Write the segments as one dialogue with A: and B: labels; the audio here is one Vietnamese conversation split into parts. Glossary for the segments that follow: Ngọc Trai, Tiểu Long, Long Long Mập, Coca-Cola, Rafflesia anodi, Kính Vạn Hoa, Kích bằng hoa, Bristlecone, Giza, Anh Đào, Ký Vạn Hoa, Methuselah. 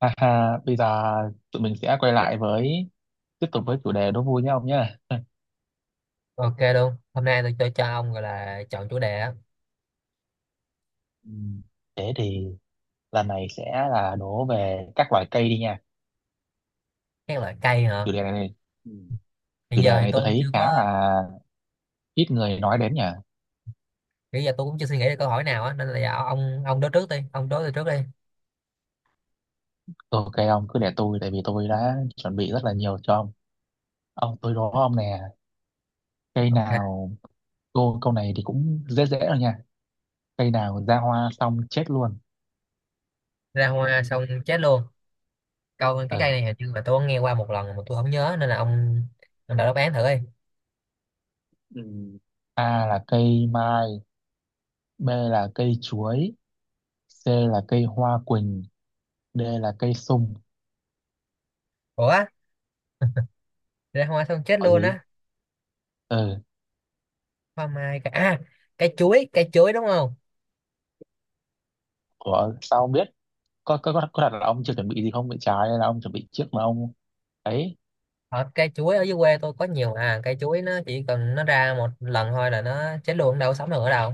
A: Ha ha, bây giờ tụi mình sẽ quay lại với tiếp tục với chủ đề đố vui nhá ông nhá.
B: Ok luôn. Hôm nay tôi cho ông gọi là chọn chủ đề á.
A: Ừ, thế thì lần này sẽ là đố về các loại cây đi nha.
B: Các loại cây hả?
A: Chủ đề này Ừ.
B: Hiện
A: Chủ
B: giờ
A: đề
B: thì
A: này tôi
B: tôi
A: thấy
B: chưa có,
A: khá là ít người nói đến nhỉ.
B: bây giờ tôi cũng chưa suy nghĩ được câu hỏi nào á, nên là giờ ông đối trước đi, ông đối tôi trước đi.
A: Ok, ông cứ để tôi, tại vì tôi đã chuẩn bị rất là nhiều cho ông. Ông tôi đố ông nè, cây
B: Ok.
A: nào câu này thì cũng dễ dễ rồi nha. Cây nào ra hoa xong chết luôn.
B: Ra hoa xong chết luôn. Câu cái cây
A: Ừ.
B: này hình như là tôi có nghe qua một lần mà tôi không nhớ, nên là ông đọc đáp án thử đi.
A: Ừ. A là cây mai, B là cây chuối, C là cây hoa quỳnh, D là cây sung.
B: Ủa, ra hoa xong chết
A: Có
B: luôn
A: gì,
B: á.
A: ừ,
B: Hoa mai cả à, cây chuối đúng không?
A: của sao ông biết, có đặt là ông chưa chuẩn bị gì không bị trái hay là ông chuẩn bị trước mà ông ấy.
B: Ở cây chuối ở dưới quê tôi có nhiều à, cây chuối nó chỉ cần nó ra một lần thôi là nó chết luôn, đâu có sống được ở đâu.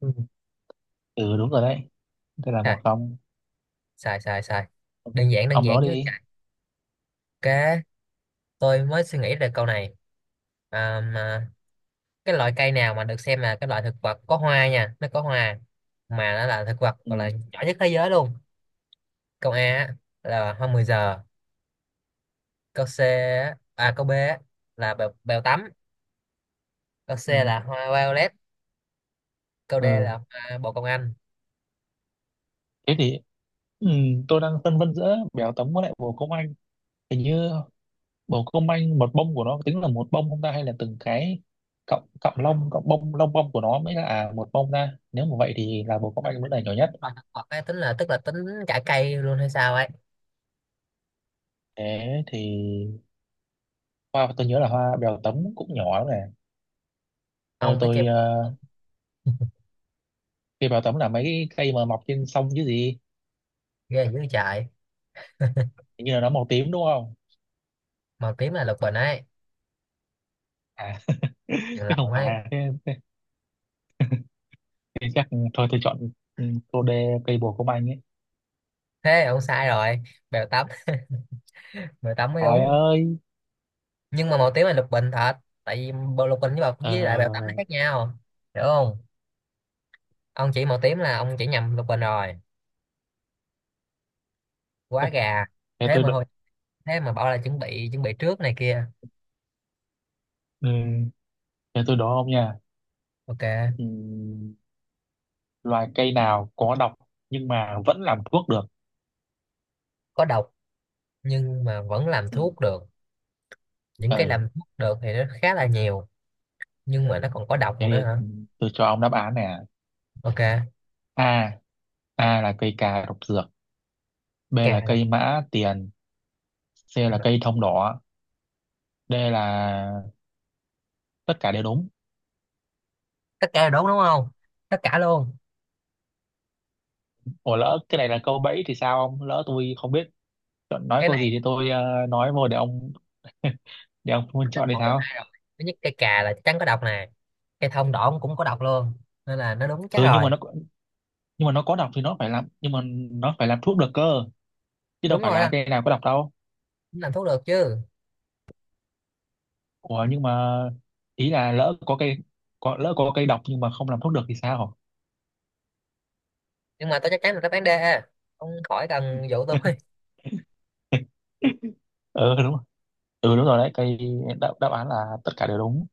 A: Ừ. Ừ đúng rồi đấy, đây là một
B: À,
A: không
B: sai sai sai, đơn giản đơn
A: Ông đó
B: giản chứ
A: đi.
B: chạy. Ok, tôi mới suy nghĩ ra câu này. À, mà cái loại cây nào mà được xem là cái loại thực vật có hoa nha, nó có hoa mà nó là thực vật gọi là
A: Ừ.
B: nhỏ nhất thế giới luôn. Câu A á, là hoa 10 giờ. Câu B á, là bèo, bèo tắm. Câu C
A: Ừ.
B: là hoa violet. Câu D
A: Ừ,
B: là hoa bồ công anh.
A: thế thì ừ, tôi đang phân vân giữa béo tấm với lại bồ công anh, hình như bồ công anh một bông của nó tính là một bông không ta, hay là từng cái cọng cọng lông cọng bông lông bông của nó mới là à, một bông ta, nếu mà vậy thì là bồ công anh vẫn là nhỏ nhất.
B: Tính loại thực vật ấy, tính là tức là tính cả cây luôn hay sao ấy.
A: Thế thì hoa tôi nhớ là hoa bèo tấm cũng nhỏ lắm nè. Tôi
B: Ông biết cây
A: tôi
B: bèo tắm
A: ờ,
B: không?
A: cây bèo tấm là mấy cái cây mà mọc trên sông chứ gì.
B: Ghê dữ chạy.
A: Hình như là nó màu tím đúng không?
B: Màu tím là lục bình ấy,
A: À,
B: chuyện
A: chứ không
B: lộn
A: phải
B: ấy.
A: à. Thế, thế chắc thôi tôi chọn ừ, cô đê cây bồ công anh ấy.
B: Thế ông sai rồi, bèo tắm, bèo tắm mới
A: Trời
B: đúng.
A: ơi.
B: Nhưng mà màu tím là lục bình thật, tại vì bộ lục bình với bọc với lại bèo tắm nó
A: Ờ,
B: khác nhau, hiểu không. Ông chỉ màu tím là ông chỉ nhầm lục bình rồi, quá gà.
A: thế
B: thế
A: tôi
B: mà
A: đo-
B: hồi thế mà bảo là chuẩn bị, chuẩn bị trước này kia.
A: ừ, thế tôi đố ông nha.
B: Ok.
A: Ừ, loài cây nào có độc nhưng mà vẫn làm thuốc được?
B: Có độc nhưng mà vẫn làm
A: Ừ.
B: thuốc được? Những cái
A: Ừ,
B: làm thuốc được thì nó khá là nhiều, nhưng mà nó còn có độc
A: thế
B: nữa hả?
A: thì ừ, tôi cho ông đáp án nè.
B: Ok,
A: A. A là cây cà độc dược. B
B: gà
A: là
B: độc.
A: cây mã tiền, C là cây thông đỏ, D là tất cả đều đúng.
B: Tất cả là đúng đúng không? Tất cả luôn.
A: Ủa lỡ cái này là câu bẫy thì sao, ông lỡ tôi không biết chọn nói
B: Cái
A: câu gì
B: này
A: thì tôi ờ, nói vô để ông để ông Phương
B: thứ
A: chọn thì
B: một trong
A: sao.
B: hai rồi, thứ nhất cây cà là chắc chắn có độc nè, cây thông đỏ cũng có độc luôn, nên là nó đúng chắc
A: Ừ nhưng mà
B: rồi.
A: nó, nhưng mà nó có độc thì nó phải làm, nhưng mà nó phải làm thuốc được cơ, chứ đâu
B: Đúng
A: phải
B: rồi đó,
A: là cây nào có độc đâu.
B: cũng làm thuốc được chứ.
A: Ủa nhưng mà ý là lỡ có cây, có lỡ có cây độc nhưng mà không làm thuốc được thì sao.
B: Nhưng mà tôi chắc chắn là đáp án D, ông khỏi cần dụ tôi.
A: Ừ đúng, ừ đúng rồi đấy cây, đáp án là tất cả đều đúng,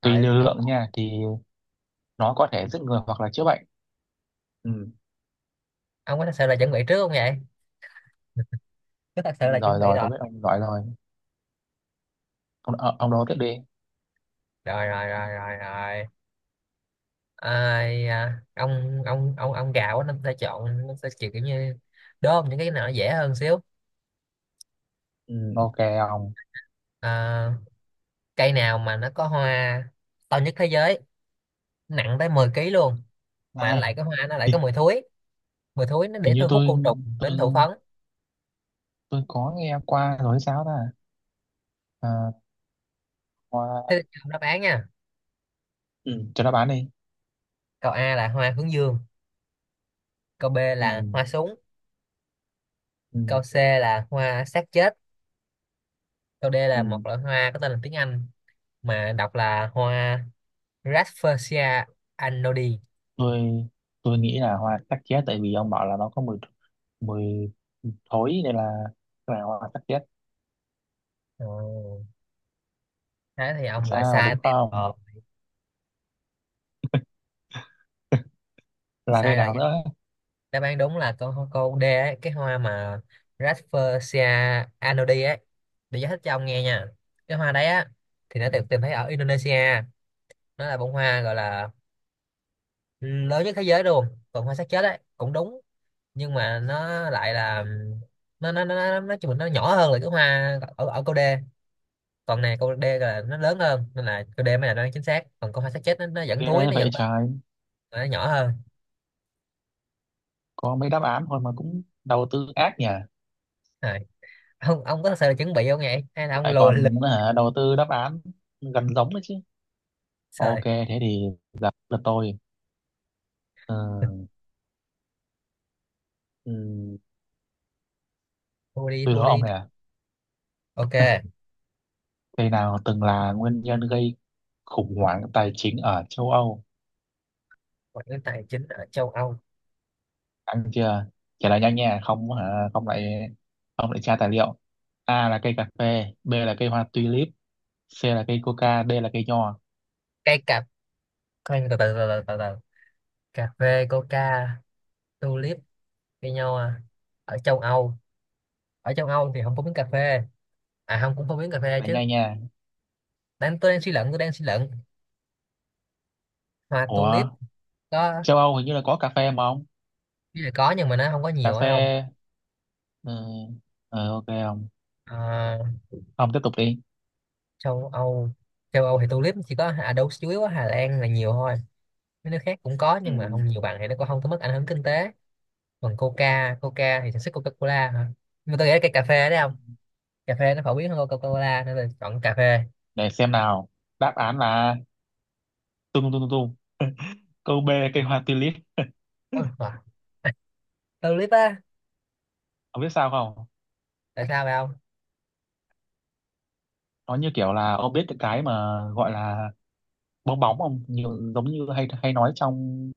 A: tùy
B: Rồi
A: liều
B: ông
A: lượng nha, thì nó có thể giết người hoặc là chữa bệnh. Ừ.
B: ông có thật sự là chuẩn bị trước không vậy? Có thật sự là chuẩn
A: Rồi
B: bị?
A: rồi,
B: Rồi
A: tôi biết ông gọi rồi, ông ờ, ông đố tiếp đi.
B: rồi rồi rồi rồi rồi. Ai, à, ông gạo á, nó sẽ chọn nó sẽ chịu kiểu như đốm những cái nào nó dễ hơn xíu.
A: Ừ, ok ông.
B: À, cây nào mà nó có hoa to nhất thế giới, nặng tới 10 ký luôn, mà nó
A: À
B: lại có hoa, nó lại có
A: thì,
B: mùi thối, mùi thối nó
A: thì
B: để
A: như
B: thu hút
A: tôi,
B: côn trùng
A: tôi
B: đến thụ phấn.
A: tôi có nghe qua rồi hay sao ta, à, hoa,
B: Thế thì đáp án nha.
A: ừ, cho nó bán đi.
B: Câu A là hoa hướng dương. Câu B
A: Ừ,
B: là hoa súng.
A: ừ,
B: Câu C là hoa xác chết. Câu D là một
A: ừ.
B: loại hoa có tên là tiếng Anh mà đọc là hoa Rafflesia anodi.
A: tôi tôi nghĩ là hoa sắc chết tại vì ông bảo là nó có mùi, mùi thối nên là cái này hoa sắc chết.
B: Ồ, thế thì ông lại
A: Sao
B: sai
A: đúng
B: tiếp
A: không
B: ờ,
A: là cái
B: sai rồi.
A: nào nữa.
B: Đáp án đúng là câu câu D ấy, cái hoa mà Rafflesia anodi ấy. Để giải thích cho ông nghe nha, cái hoa đấy á thì nó
A: Ừ,
B: được tìm thấy ở Indonesia, nó là bông hoa gọi là lớn nhất thế giới luôn. Còn hoa xác chết ấy cũng đúng, nhưng mà nó lại là, nó nói chung là nó nhỏ hơn là cái hoa ở ở câu D. Còn này câu D là nó lớn hơn nên là câu D mới là đoán chính xác, còn câu hoa xác chết nó vẫn thúi,
A: ghê
B: nó
A: vậy
B: vẫn bớt,
A: trời,
B: nó nhỏ hơn.
A: có mấy đáp án thôi mà cũng đầu tư ác nhỉ.
B: Rồi ông có thật sự là chuẩn bị không vậy hay là ông
A: Lại
B: lùa lừa.
A: còn hả, đầu tư đáp án gần giống đấy chứ. Ok,
B: Trời,
A: thế thì gặp lượt tôi. Ờ, ừm,
B: thua đi
A: tôi
B: thua
A: đố ông
B: đi.
A: này à.
B: Ok,
A: Cây nào từng là nguyên nhân gây khủng hoảng tài chính ở châu Âu?
B: ngoại ngữ tài chính ở châu Âu.
A: Ăn chưa? Trả lời nhanh nha, không hả? Không lại tra tài liệu. A là cây cà phê, B là cây hoa tulip, C là cây coca, D là cây nho.
B: Cây cà. Cây từ từ từ từ từ từ. Cà phê, coca, tulip, cây nho à. Ở châu Âu. Ở châu Âu thì không phổ biến cà phê. À không, cũng phổ biến cà phê
A: Trả lời
B: chứ.
A: nhanh nha.
B: Đang tôi đang suy luận, tôi đang suy luận. Hoa
A: Ủa,
B: tulip có.
A: châu Âu hình như là có cà phê mà ông.
B: Ý là có nhưng mà nó không có
A: Cà
B: nhiều phải không?
A: phê, ừ, ừ, ok không? Ông
B: Ờ,
A: Ông tiếp tục đi.
B: châu Âu. Châu Âu thì tulip chỉ có à đâu chủ yếu ở Hà Lan là nhiều thôi. Mấy nước khác cũng có nhưng mà
A: Ừ.
B: không nhiều bằng thì nó cũng không có mức ảnh hưởng kinh tế. Còn coca, coca thì sản xuất Coca-Cola hả? Nhưng mà tôi nghĩ là cây cà phê đấy, không? Cà phê nó phổ biến hơn Coca-Cola nên là chọn cà phê.
A: Để xem nào. Đáp án là tung tung tung tung, câu B cây hoa tulip.
B: Ừ, à, tulip á.
A: Ông biết sao không,
B: Tại sao vậy ông?
A: nó như kiểu là ông biết cái mà gọi là bong bóng không, nhiều giống như hay hay nói trong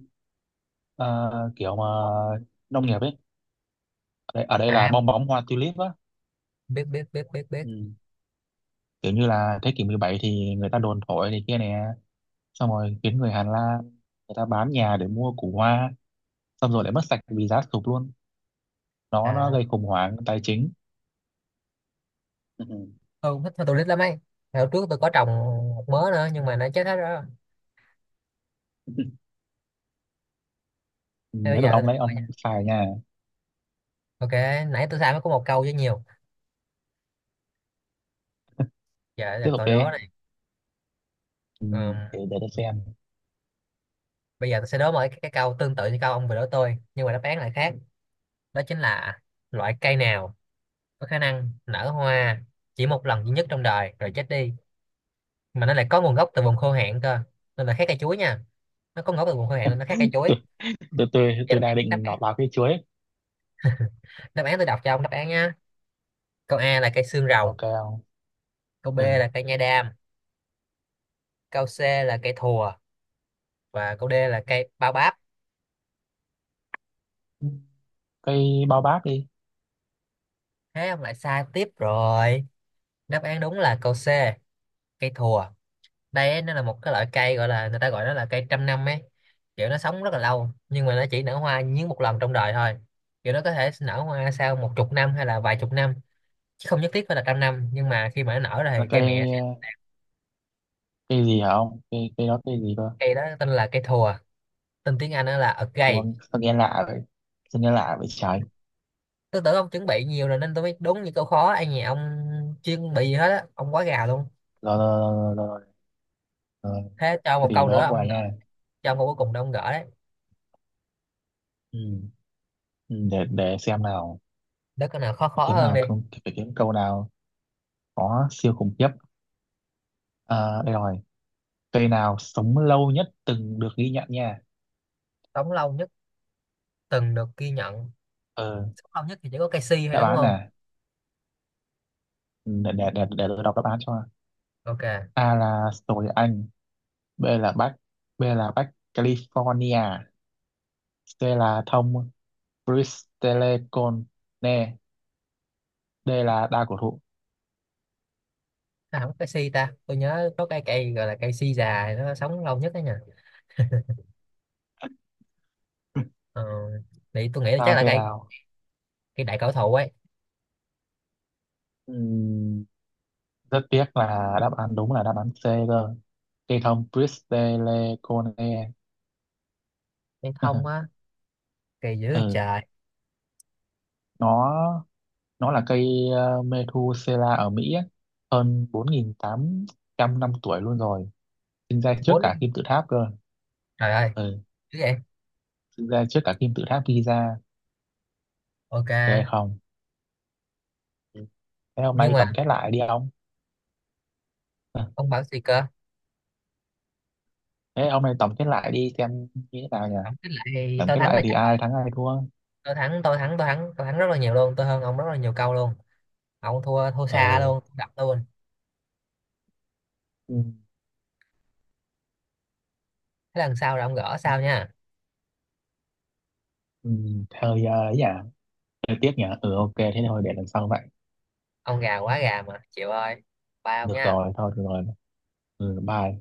A: ờ, kiểu mà nông nghiệp ấy, ở đây là
B: À,
A: bong bóng hoa tulip á.
B: biết biết biết biết biết.
A: Ừ. Kiểu như là thế kỷ 17 thì người ta đồn thổi này kia nè, xong rồi khiến người Hà Lan, người ta bán nhà để mua củ hoa, xong rồi lại mất sạch vì giá sụt luôn, nó
B: À,
A: gây khủng hoảng tài chính. Ừ.
B: tôi cũng thích hoa tulip lắm ấy, hồi trước tôi có trồng một mớ nữa nhưng mà nó chết hết rồi. Thế bây
A: Đến
B: giờ
A: lượt
B: tôi
A: ông
B: đặt
A: đấy,
B: coi
A: ông
B: nha.
A: xài nha.
B: Ok, nãy tôi sai mới có một câu với nhiều, giờ là
A: Tiếp tục
B: tôi
A: đi.
B: đố này.
A: Ừ.
B: Ừm,
A: Để tôi xem.
B: bây giờ tôi sẽ đố một cái câu tương tự như câu ông vừa đố tôi nhưng mà đáp án lại khác. Đó chính là loại cây nào có khả năng nở hoa chỉ một lần duy nhất trong đời rồi chết đi, mà nó lại có nguồn gốc từ vùng khô hạn cơ, nên là khác cây chuối nha. Nó có ngấu từ vùng hơi hạn nên nó khác cây chuối.
A: tôi tôi
B: Vậy
A: tôi
B: đáp án,
A: đang
B: đáp
A: định
B: án
A: nọt vào cây chuối ấy.
B: đáp án tôi đọc cho ông đáp án nhá. Câu A là cây xương rồng.
A: Ok không.
B: Câu B
A: Ừ.
B: là cây nha đam. Câu C là cây thùa. Và câu D là cây bao báp.
A: Cây bao bác đi.
B: Thế ông lại sai tiếp rồi. Đáp án đúng là câu C, cây thùa. Đây ấy, nó là một cái loại cây gọi là, người ta gọi nó là cây 100 năm ấy, kiểu nó sống rất là lâu nhưng mà nó chỉ nở hoa nhính một lần trong đời thôi. Kiểu nó có thể nở hoa sau một chục năm hay là vài chục năm, chứ không nhất thiết phải là 100 năm, nhưng mà khi mà nó nở rồi
A: Là
B: thì cây mẹ.
A: cây, cây gì hả ông cây cây đó cây gì cơ.
B: Cây đó tên là cây thùa, tên tiếng Anh đó là a
A: Đúng
B: gay.
A: không? Sao nghe lạ vậy, sao nghe lạ vậy trời.
B: Tôi tưởng ông chuẩn bị nhiều rồi nên tôi biết đúng những câu khó, ai nhà ông chuyên bị gì hết á, ông quá gà luôn.
A: Rồi rồi rồi rồi, rồi. Rồi.
B: Thế cho
A: Thế
B: một
A: thì
B: câu nữa
A: đó qua
B: ông gỡ.
A: nha.
B: Cho ông câu cuối cùng đó ông gỡ đấy.
A: Ừ. Ừ, để xem nào,
B: Để câu nào khó
A: phải
B: khó
A: kiếm
B: hơn
A: nào
B: đi.
A: không phải kiếm câu nào có siêu khủng khiếp, à, đây rồi. Cây nào sống lâu nhất từng được ghi nhận nha.
B: Sống lâu nhất từng được ghi nhận.
A: Ờ.
B: Sống lâu nhất thì chỉ có cây si thôi
A: Đáp
B: đúng
A: án
B: không?
A: nè. Ừ, để tôi đọc đáp án cho.
B: Ok.
A: A là sồi Anh, B là Bắc B là Bắc California, C là thông Bristlecone, D là đa cổ thụ.
B: À, không có cây si ta, tôi nhớ có cây, cây gọi là cây si già nó sống lâu nhất đấy nhỉ. Ờ, thì tôi nghĩ là chắc
A: Sao
B: là
A: cây
B: cây,
A: đào.
B: cây đại cổ thụ ấy.
A: Ừm, rất tiếc là đáp án đúng là đáp án C cơ, cây thông Bristlecone.
B: Cây thông á. Cây dữ
A: Ừ,
B: trời.
A: nó nó là cây Methuselah ở Mỹ ấy, hơn 4.800 năm tuổi luôn rồi, sinh ra trước cả
B: Bốn,
A: kim tự tháp cơ.
B: trời ơi.
A: Ừ,
B: Chứ vậy.
A: sinh ra trước cả kim tự tháp Giza.
B: Ok.
A: Ghê không. Thế hôm
B: Nhưng
A: nay
B: mà
A: tổng kết lại đi ông. Ờ,
B: ông bảo gì cơ?
A: thế hôm nay tổng kết lại đi xem như thế nào nhỉ?
B: Tổng kết lại thì
A: Tổng
B: tôi
A: kết
B: thắng
A: lại
B: là
A: thì
B: chắc
A: ai
B: rồi.
A: thắng ai thua?
B: Tôi thắng, tôi thắng, tôi thắng, tôi thắng rất là nhiều luôn, tôi hơn ông rất là nhiều câu luôn, ông thua, thua
A: Ờ,
B: xa luôn, đập luôn.
A: ừ,
B: Thế lần sau là ông gỡ sao nha.
A: ừ, thôi ờ, ấy nhỉ, hơi tiếc nhỉ. Ừ ok, thế thôi để lần sau vậy.
B: Ông gà, quá gà mà chịu ơi. Bye ông
A: Được
B: nha.
A: rồi, thôi được rồi. Ừ, bye.